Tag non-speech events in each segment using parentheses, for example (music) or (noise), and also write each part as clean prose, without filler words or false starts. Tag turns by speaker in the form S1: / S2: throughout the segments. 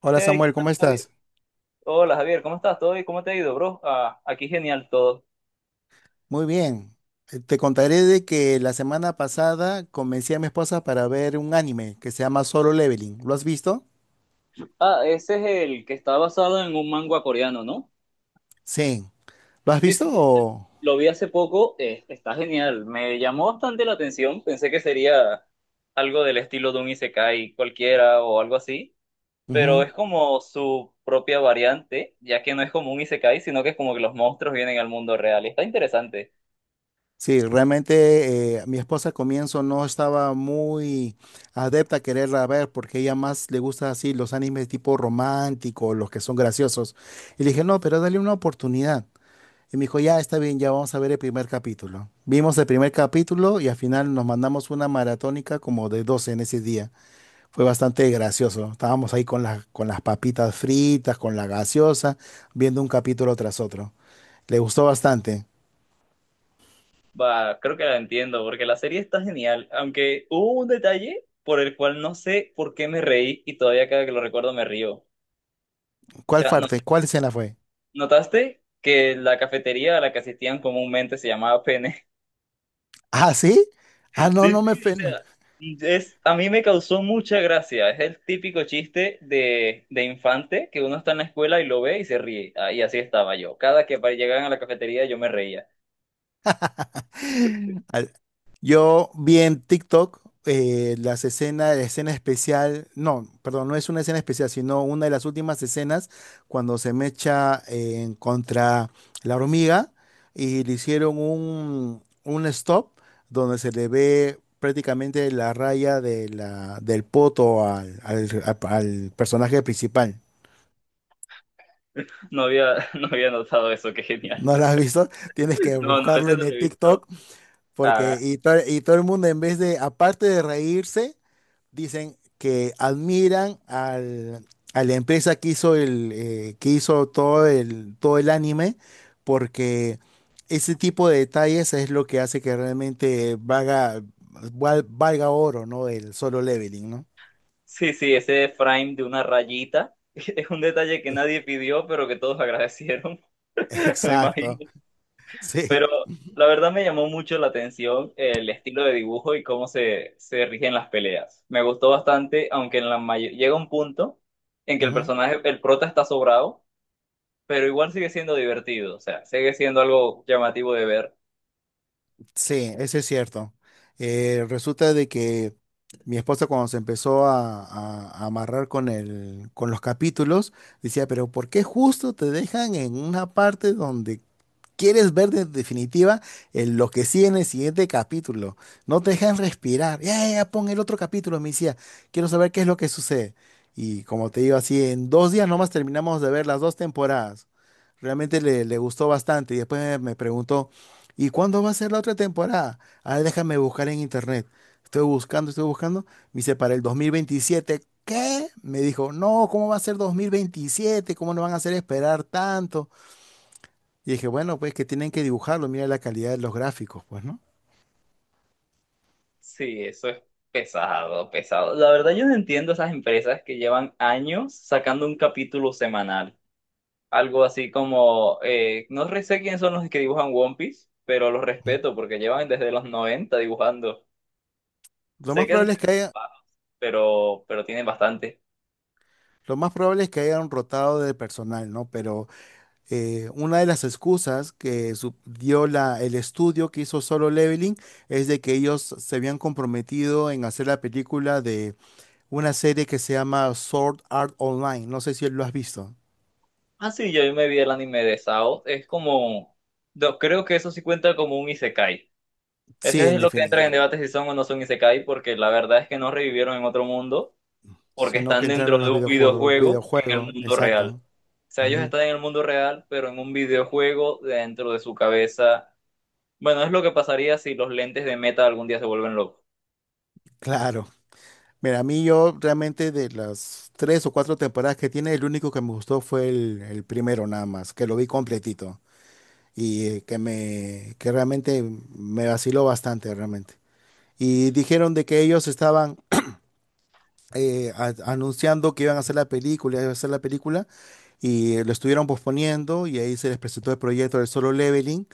S1: Hola
S2: Hey, ¿qué
S1: Samuel,
S2: tal,
S1: ¿cómo
S2: Javier?
S1: estás?
S2: Hola, Javier, ¿cómo estás? ¿Todo bien? ¿Cómo te ha ido, bro? Ah, aquí genial todo.
S1: Muy bien. Te contaré de que la semana pasada convencí a mi esposa para ver un anime que se llama Solo Leveling. ¿Lo has visto?
S2: Ah, ese es el que está basado en un manga coreano, ¿no?
S1: Sí. ¿Lo has
S2: Sí,
S1: visto
S2: sí, ese
S1: o...?
S2: lo vi hace poco, está genial. Me llamó bastante la atención, pensé que sería algo del estilo de un isekai cualquiera o algo así, pero
S1: Ujú.
S2: es como su propia variante, ya que no es como un isekai, sino que es como que los monstruos vienen al mundo real. Está interesante.
S1: Sí, realmente mi esposa al comienzo no estaba muy adepta a quererla ver porque ella más le gusta así los animes tipo romántico, los que son graciosos. Y le dije, no, pero dale una oportunidad. Y me dijo, ya está bien, ya vamos a ver el primer capítulo. Vimos el primer capítulo y al final nos mandamos una maratónica como de 12 en ese día. Fue bastante gracioso. Estábamos ahí con con las papitas fritas, con la gaseosa, viendo un capítulo tras otro. Le gustó bastante.
S2: Va, creo que la entiendo, porque la serie está genial, aunque hubo un detalle por el cual no sé por qué me reí y todavía cada que lo recuerdo me río. O
S1: ¿Cuál
S2: sea,
S1: parte? ¿Cuál escena fue?
S2: ¿notaste que la cafetería a la que asistían comúnmente se llamaba Pene?
S1: Ah, ¿sí? Ah,
S2: (laughs)
S1: no,
S2: Sí, sí, o
S1: no.
S2: sea, a mí me causó mucha gracia. Es el típico chiste de infante que uno está en la escuela y lo ve y se ríe. Ah, y así estaba yo. Cada que llegaban a la cafetería yo me reía.
S1: Al- Yo vi en TikTok las escenas, la escena especial, no, perdón, no es una escena especial, sino una de las últimas escenas cuando se mecha contra la hormiga y le hicieron un stop donde se le ve prácticamente la raya de del poto al personaje principal.
S2: (laughs) No había notado eso, qué genial.
S1: ¿No la has visto? Tienes que
S2: No, no,
S1: buscarlo
S2: ese
S1: en
S2: no lo
S1: el
S2: he visto.
S1: TikTok porque
S2: Ah.
S1: y todo el mundo en vez de, aparte de reírse, dicen que admiran a la empresa que hizo que hizo todo el anime, porque ese tipo de detalles es lo que hace que realmente valga oro, ¿no? El Solo Leveling, ¿no?
S2: Sí, sí, ese frame de una rayita (laughs) es un detalle que nadie pidió, pero que todos agradecieron.
S1: (laughs)
S2: (laughs) Me
S1: Exacto,
S2: imagino. Pero
S1: sí.
S2: la verdad me llamó mucho la atención el estilo de dibujo y cómo se rigen las peleas. Me gustó bastante, aunque en la llega un punto en que el personaje, el prota está sobrado, pero igual sigue siendo divertido, o sea, sigue siendo algo llamativo de ver.
S1: Sí, eso es cierto. Resulta de que mi esposa cuando se empezó a amarrar con con los capítulos, decía, pero ¿por qué justo te dejan en una parte donde quieres ver de definitiva lo que sigue en el siguiente capítulo? No te dejan respirar. Ya, ya, ya, pon el otro capítulo, me decía. Quiero saber qué es lo que sucede. Y como te digo así, en 2 días nomás terminamos de ver las dos temporadas. Realmente le gustó bastante y después me preguntó, ¿y cuándo va a ser la otra temporada? A ver, déjame buscar en internet. Estoy buscando, estoy buscando. Me dice, para el 2027. ¿Qué? Me dijo, no, ¿cómo va a ser 2027? ¿Cómo no van a hacer esperar tanto? Y dije, bueno, pues que tienen que dibujarlo, mira la calidad de los gráficos, pues, ¿no?
S2: Sí, eso es pesado, pesado. La verdad yo no entiendo esas empresas que llevan años sacando un capítulo semanal. Algo así como, no re- sé quiénes son los que dibujan One Piece, pero los
S1: Ujú.
S2: respeto porque llevan desde los 90 dibujando.
S1: Lo
S2: Sé
S1: más
S2: que han
S1: probable es que
S2: tenido
S1: haya,
S2: paros, pero tienen bastante.
S1: lo más probable es que hayan rotado de personal, ¿no? Pero una de las excusas que dio el estudio que hizo Solo Leveling es de que ellos se habían comprometido en hacer la película de una serie que se llama Sword Art Online. No sé si lo has visto.
S2: Ah, sí, yo me vi el anime de Sao. Es como, no, creo que eso sí cuenta como un isekai.
S1: Sí,
S2: Ese
S1: en
S2: es lo que entra
S1: definitiva.
S2: en debate si son o no son isekai, porque la verdad es que no revivieron en otro mundo, porque
S1: Sino que
S2: están dentro
S1: entraron a
S2: de
S1: los
S2: un
S1: videojuegos.
S2: videojuego en el
S1: Videojuego,
S2: mundo real.
S1: exacto.
S2: O sea, ellos
S1: Ujú.
S2: están en el mundo real, pero en un videojuego dentro de su cabeza. Bueno, es lo que pasaría si los lentes de Meta algún día se vuelven locos.
S1: Claro. Mira, a mí yo realmente de las tres o cuatro temporadas que tiene, el único que me gustó fue el primero nada más, que lo vi completito. Y que me que realmente me vaciló bastante realmente. Y dijeron de que ellos estaban anunciando que iban a hacer la película, iban a hacer la película y lo estuvieron posponiendo y ahí se les presentó el proyecto del Solo Leveling,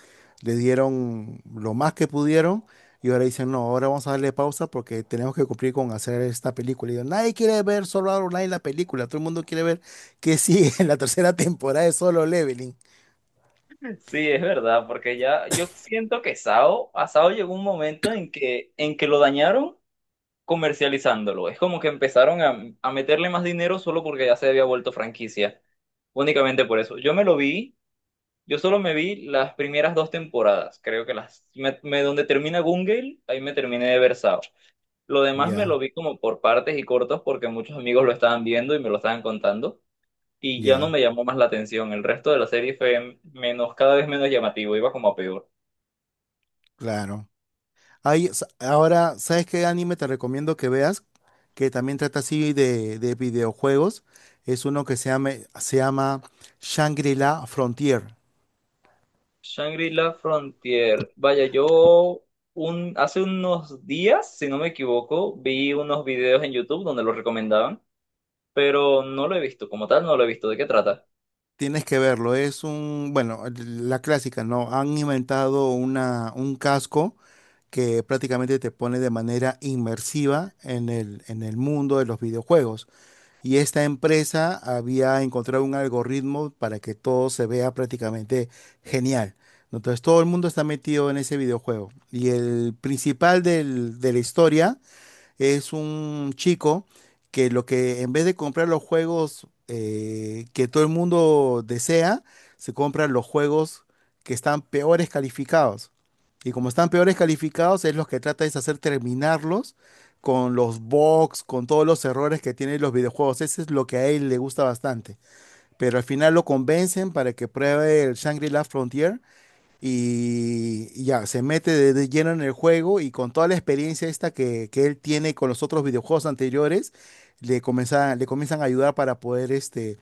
S1: le dieron lo más que pudieron y ahora dicen, no, ahora vamos a darle pausa porque tenemos que cumplir con hacer esta película. Y yo, nadie quiere ver Solo Online la película, todo el mundo quiere ver que sigue en la tercera (laughs) temporada de Solo Leveling.
S2: Sí, es verdad, porque ya yo siento que Sao, a Sao llegó un momento en que lo dañaron comercializándolo. Es como que empezaron a meterle más dinero solo porque ya se había vuelto franquicia. Únicamente por eso. Yo me lo vi, yo solo me vi las primeras dos temporadas. Creo que las, donde termina Gungale, ahí me terminé de ver Sao. Lo demás me
S1: Ya,
S2: lo vi como por partes y cortos porque muchos amigos lo estaban viendo y me lo estaban contando. Y ya no
S1: ya,
S2: me llamó más la atención. El resto de la serie fue menos, cada vez menos llamativo, iba como a peor.
S1: claro. Ahora, ¿sabes qué anime te recomiendo que veas? Que también trata así de videojuegos. Es uno que se llama Shangri-La Frontier.
S2: Shangri-La Frontier. Vaya, yo hace unos días, si no me equivoco, vi unos videos en YouTube donde lo recomendaban, pero no lo he visto, como tal, no lo he visto. ¿De qué trata?
S1: Tienes que verlo. Es un, bueno, la clásica, ¿no? Han inventado un casco que prácticamente te pone de manera inmersiva en en el mundo de los videojuegos. Y esta empresa había encontrado un algoritmo para que todo se vea prácticamente genial. Entonces todo el mundo está metido en ese videojuego. Y el principal de la historia es un chico que lo que en vez de comprar los juegos que todo el mundo desea, se compran los juegos que están peores calificados. Y como están peores calificados, es los que trata es hacer terminarlos con los bugs, con todos los errores que tienen los videojuegos. Ese es lo que a él le gusta bastante. Pero al final lo convencen para que pruebe el Shangri-La Frontier y ya, se mete de lleno en el juego y con toda la experiencia esta que él tiene con los otros videojuegos anteriores, le comienzan a ayudar para poder este,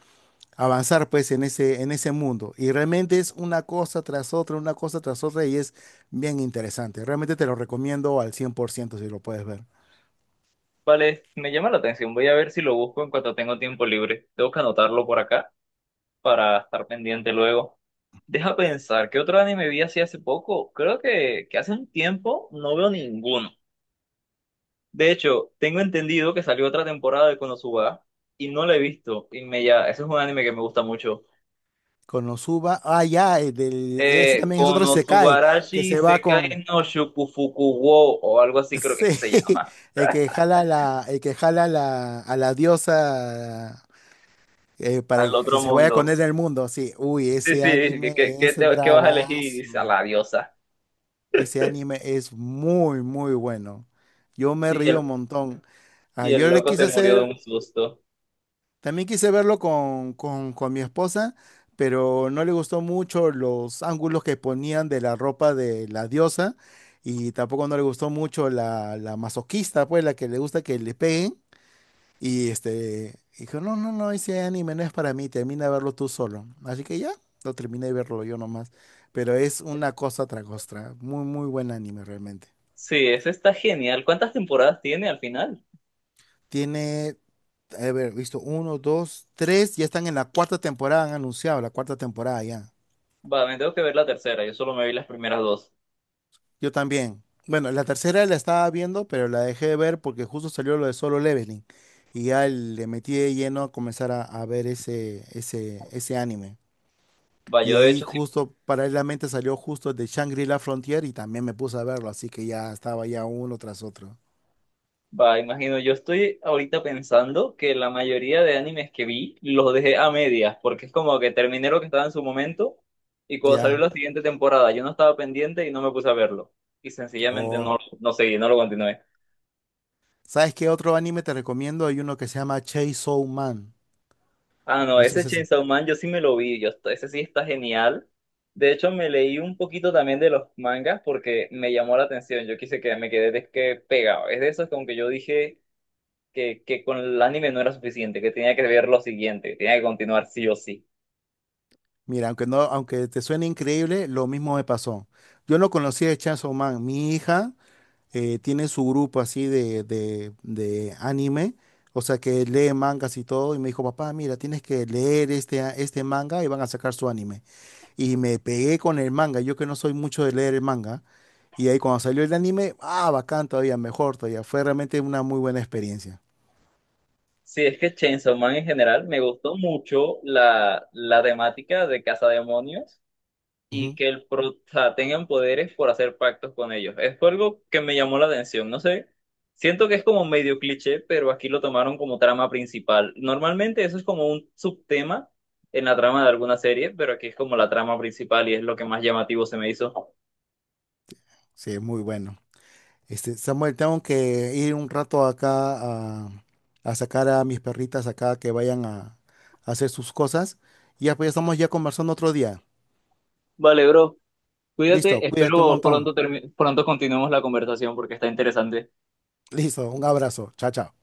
S1: avanzar pues en en ese mundo. Y realmente es una cosa tras otra, una cosa tras otra y es bien interesante. Realmente te lo recomiendo al 100% si lo puedes ver.
S2: Vale, me llama la atención. Voy a ver si lo busco en cuanto tengo tiempo libre. Tengo que anotarlo por acá para estar pendiente luego. Deja pensar, ¿qué otro anime vi así hace poco? Creo que hace un tiempo no veo ninguno. De hecho, tengo entendido que salió otra temporada de Konosuba y no la he visto. Y me ya, ese es un anime que me gusta mucho.
S1: Konosuba, ah, ya, ese también es otro isekai
S2: Konosubarashi
S1: que se va con...
S2: Sekai no
S1: (laughs)
S2: Shukufuku wo o algo así creo que se llama.
S1: Sí, el que jala a la diosa para
S2: Al
S1: que
S2: otro
S1: se vaya con él
S2: mundo.
S1: del mundo. Sí, uy,
S2: Sí,
S1: ese
S2: sí,
S1: anime es
S2: ¿qué vas a elegir? Y dice, a
S1: bravazo.
S2: la diosa.
S1: Ese anime es muy, muy bueno. Yo me
S2: Y
S1: río
S2: el,
S1: un montón. Ah,
S2: y el
S1: yo le
S2: loco
S1: quise
S2: se murió de
S1: hacer,
S2: un susto.
S1: también quise verlo con mi esposa, pero no le gustó mucho los ángulos que ponían de la ropa de la diosa y tampoco no le gustó mucho la masoquista, pues la que le gusta que le peguen. Y este, dijo, no, no, no, ese anime no es para mí, termina de verlo tú solo. Así que ya, lo terminé de verlo yo nomás. Pero es una cosa tras otra. Muy, muy buen anime realmente.
S2: Sí, ese está genial. ¿Cuántas temporadas tiene al final?
S1: Tiene, a ver, visto, uno, dos, tres, ya están en la cuarta temporada, han anunciado la cuarta temporada ya.
S2: Va, me tengo que ver la tercera. Yo solo me vi las primeras dos.
S1: Yo también. Bueno, la tercera la estaba viendo, pero la dejé de ver porque justo salió lo de Solo Leveling. Y ya le metí de lleno a comenzar a ver ese anime.
S2: Va,
S1: Y
S2: yo
S1: de
S2: de
S1: ahí
S2: hecho.
S1: justo paralelamente salió justo de Shangri-La Frontier y también me puse a verlo, así que ya estaba ya uno tras otro.
S2: Va, imagino, yo estoy ahorita pensando que la mayoría de animes que vi los dejé a medias, porque es como que terminé lo que estaba en su momento y cuando salió
S1: Ya.
S2: la siguiente temporada yo no estaba pendiente y no me puse a verlo. Y sencillamente
S1: O,
S2: no, no seguí, no lo continué.
S1: ¿sabes qué otro anime te recomiendo? Hay uno que se llama Chainsaw Man.
S2: Ah, no,
S1: No sé
S2: ese
S1: si es...
S2: Chainsaw Man yo sí me lo vi, yo, ese sí está genial. De hecho, me leí un poquito también de los mangas porque me llamó la atención, yo quise que me quedé de que pegado. Es de esos como que yo dije que con el anime no era suficiente, que tenía que ver lo siguiente, que tenía que continuar sí o sí.
S1: Mira, aunque no, aunque te suene increíble, lo mismo me pasó. Yo no conocía de Chainsaw Man. Mi hija tiene su grupo así de anime, o sea que lee mangas y todo, y me dijo, papá, mira, tienes que leer este manga y van a sacar su anime. Y me pegué con el manga. Yo que no soy mucho de leer el manga. Y ahí cuando salió el anime, ah, bacán todavía, mejor todavía. Fue realmente una muy buena experiencia.
S2: Sí, es que Chainsaw Man en general me gustó mucho la temática de demonios y
S1: Ujú.
S2: que el pro, tengan poderes por hacer pactos con ellos. Es fue algo que me llamó la atención, no sé. Siento que es como medio cliché, pero aquí lo tomaron como trama principal. Normalmente eso es como un subtema en la trama de alguna serie, pero aquí es como la trama principal y es lo que más llamativo se me hizo.
S1: Sí, es muy bueno. Este, Samuel, tengo que ir un rato acá a sacar a mis perritas acá que vayan a hacer sus cosas. Y ya pues ya estamos ya conversando otro día.
S2: Vale, bro,
S1: Listo,
S2: cuídate,
S1: cuídate un
S2: espero
S1: montón.
S2: pronto, pronto continuemos la conversación porque está interesante.
S1: Listo, un abrazo. Chao, chao.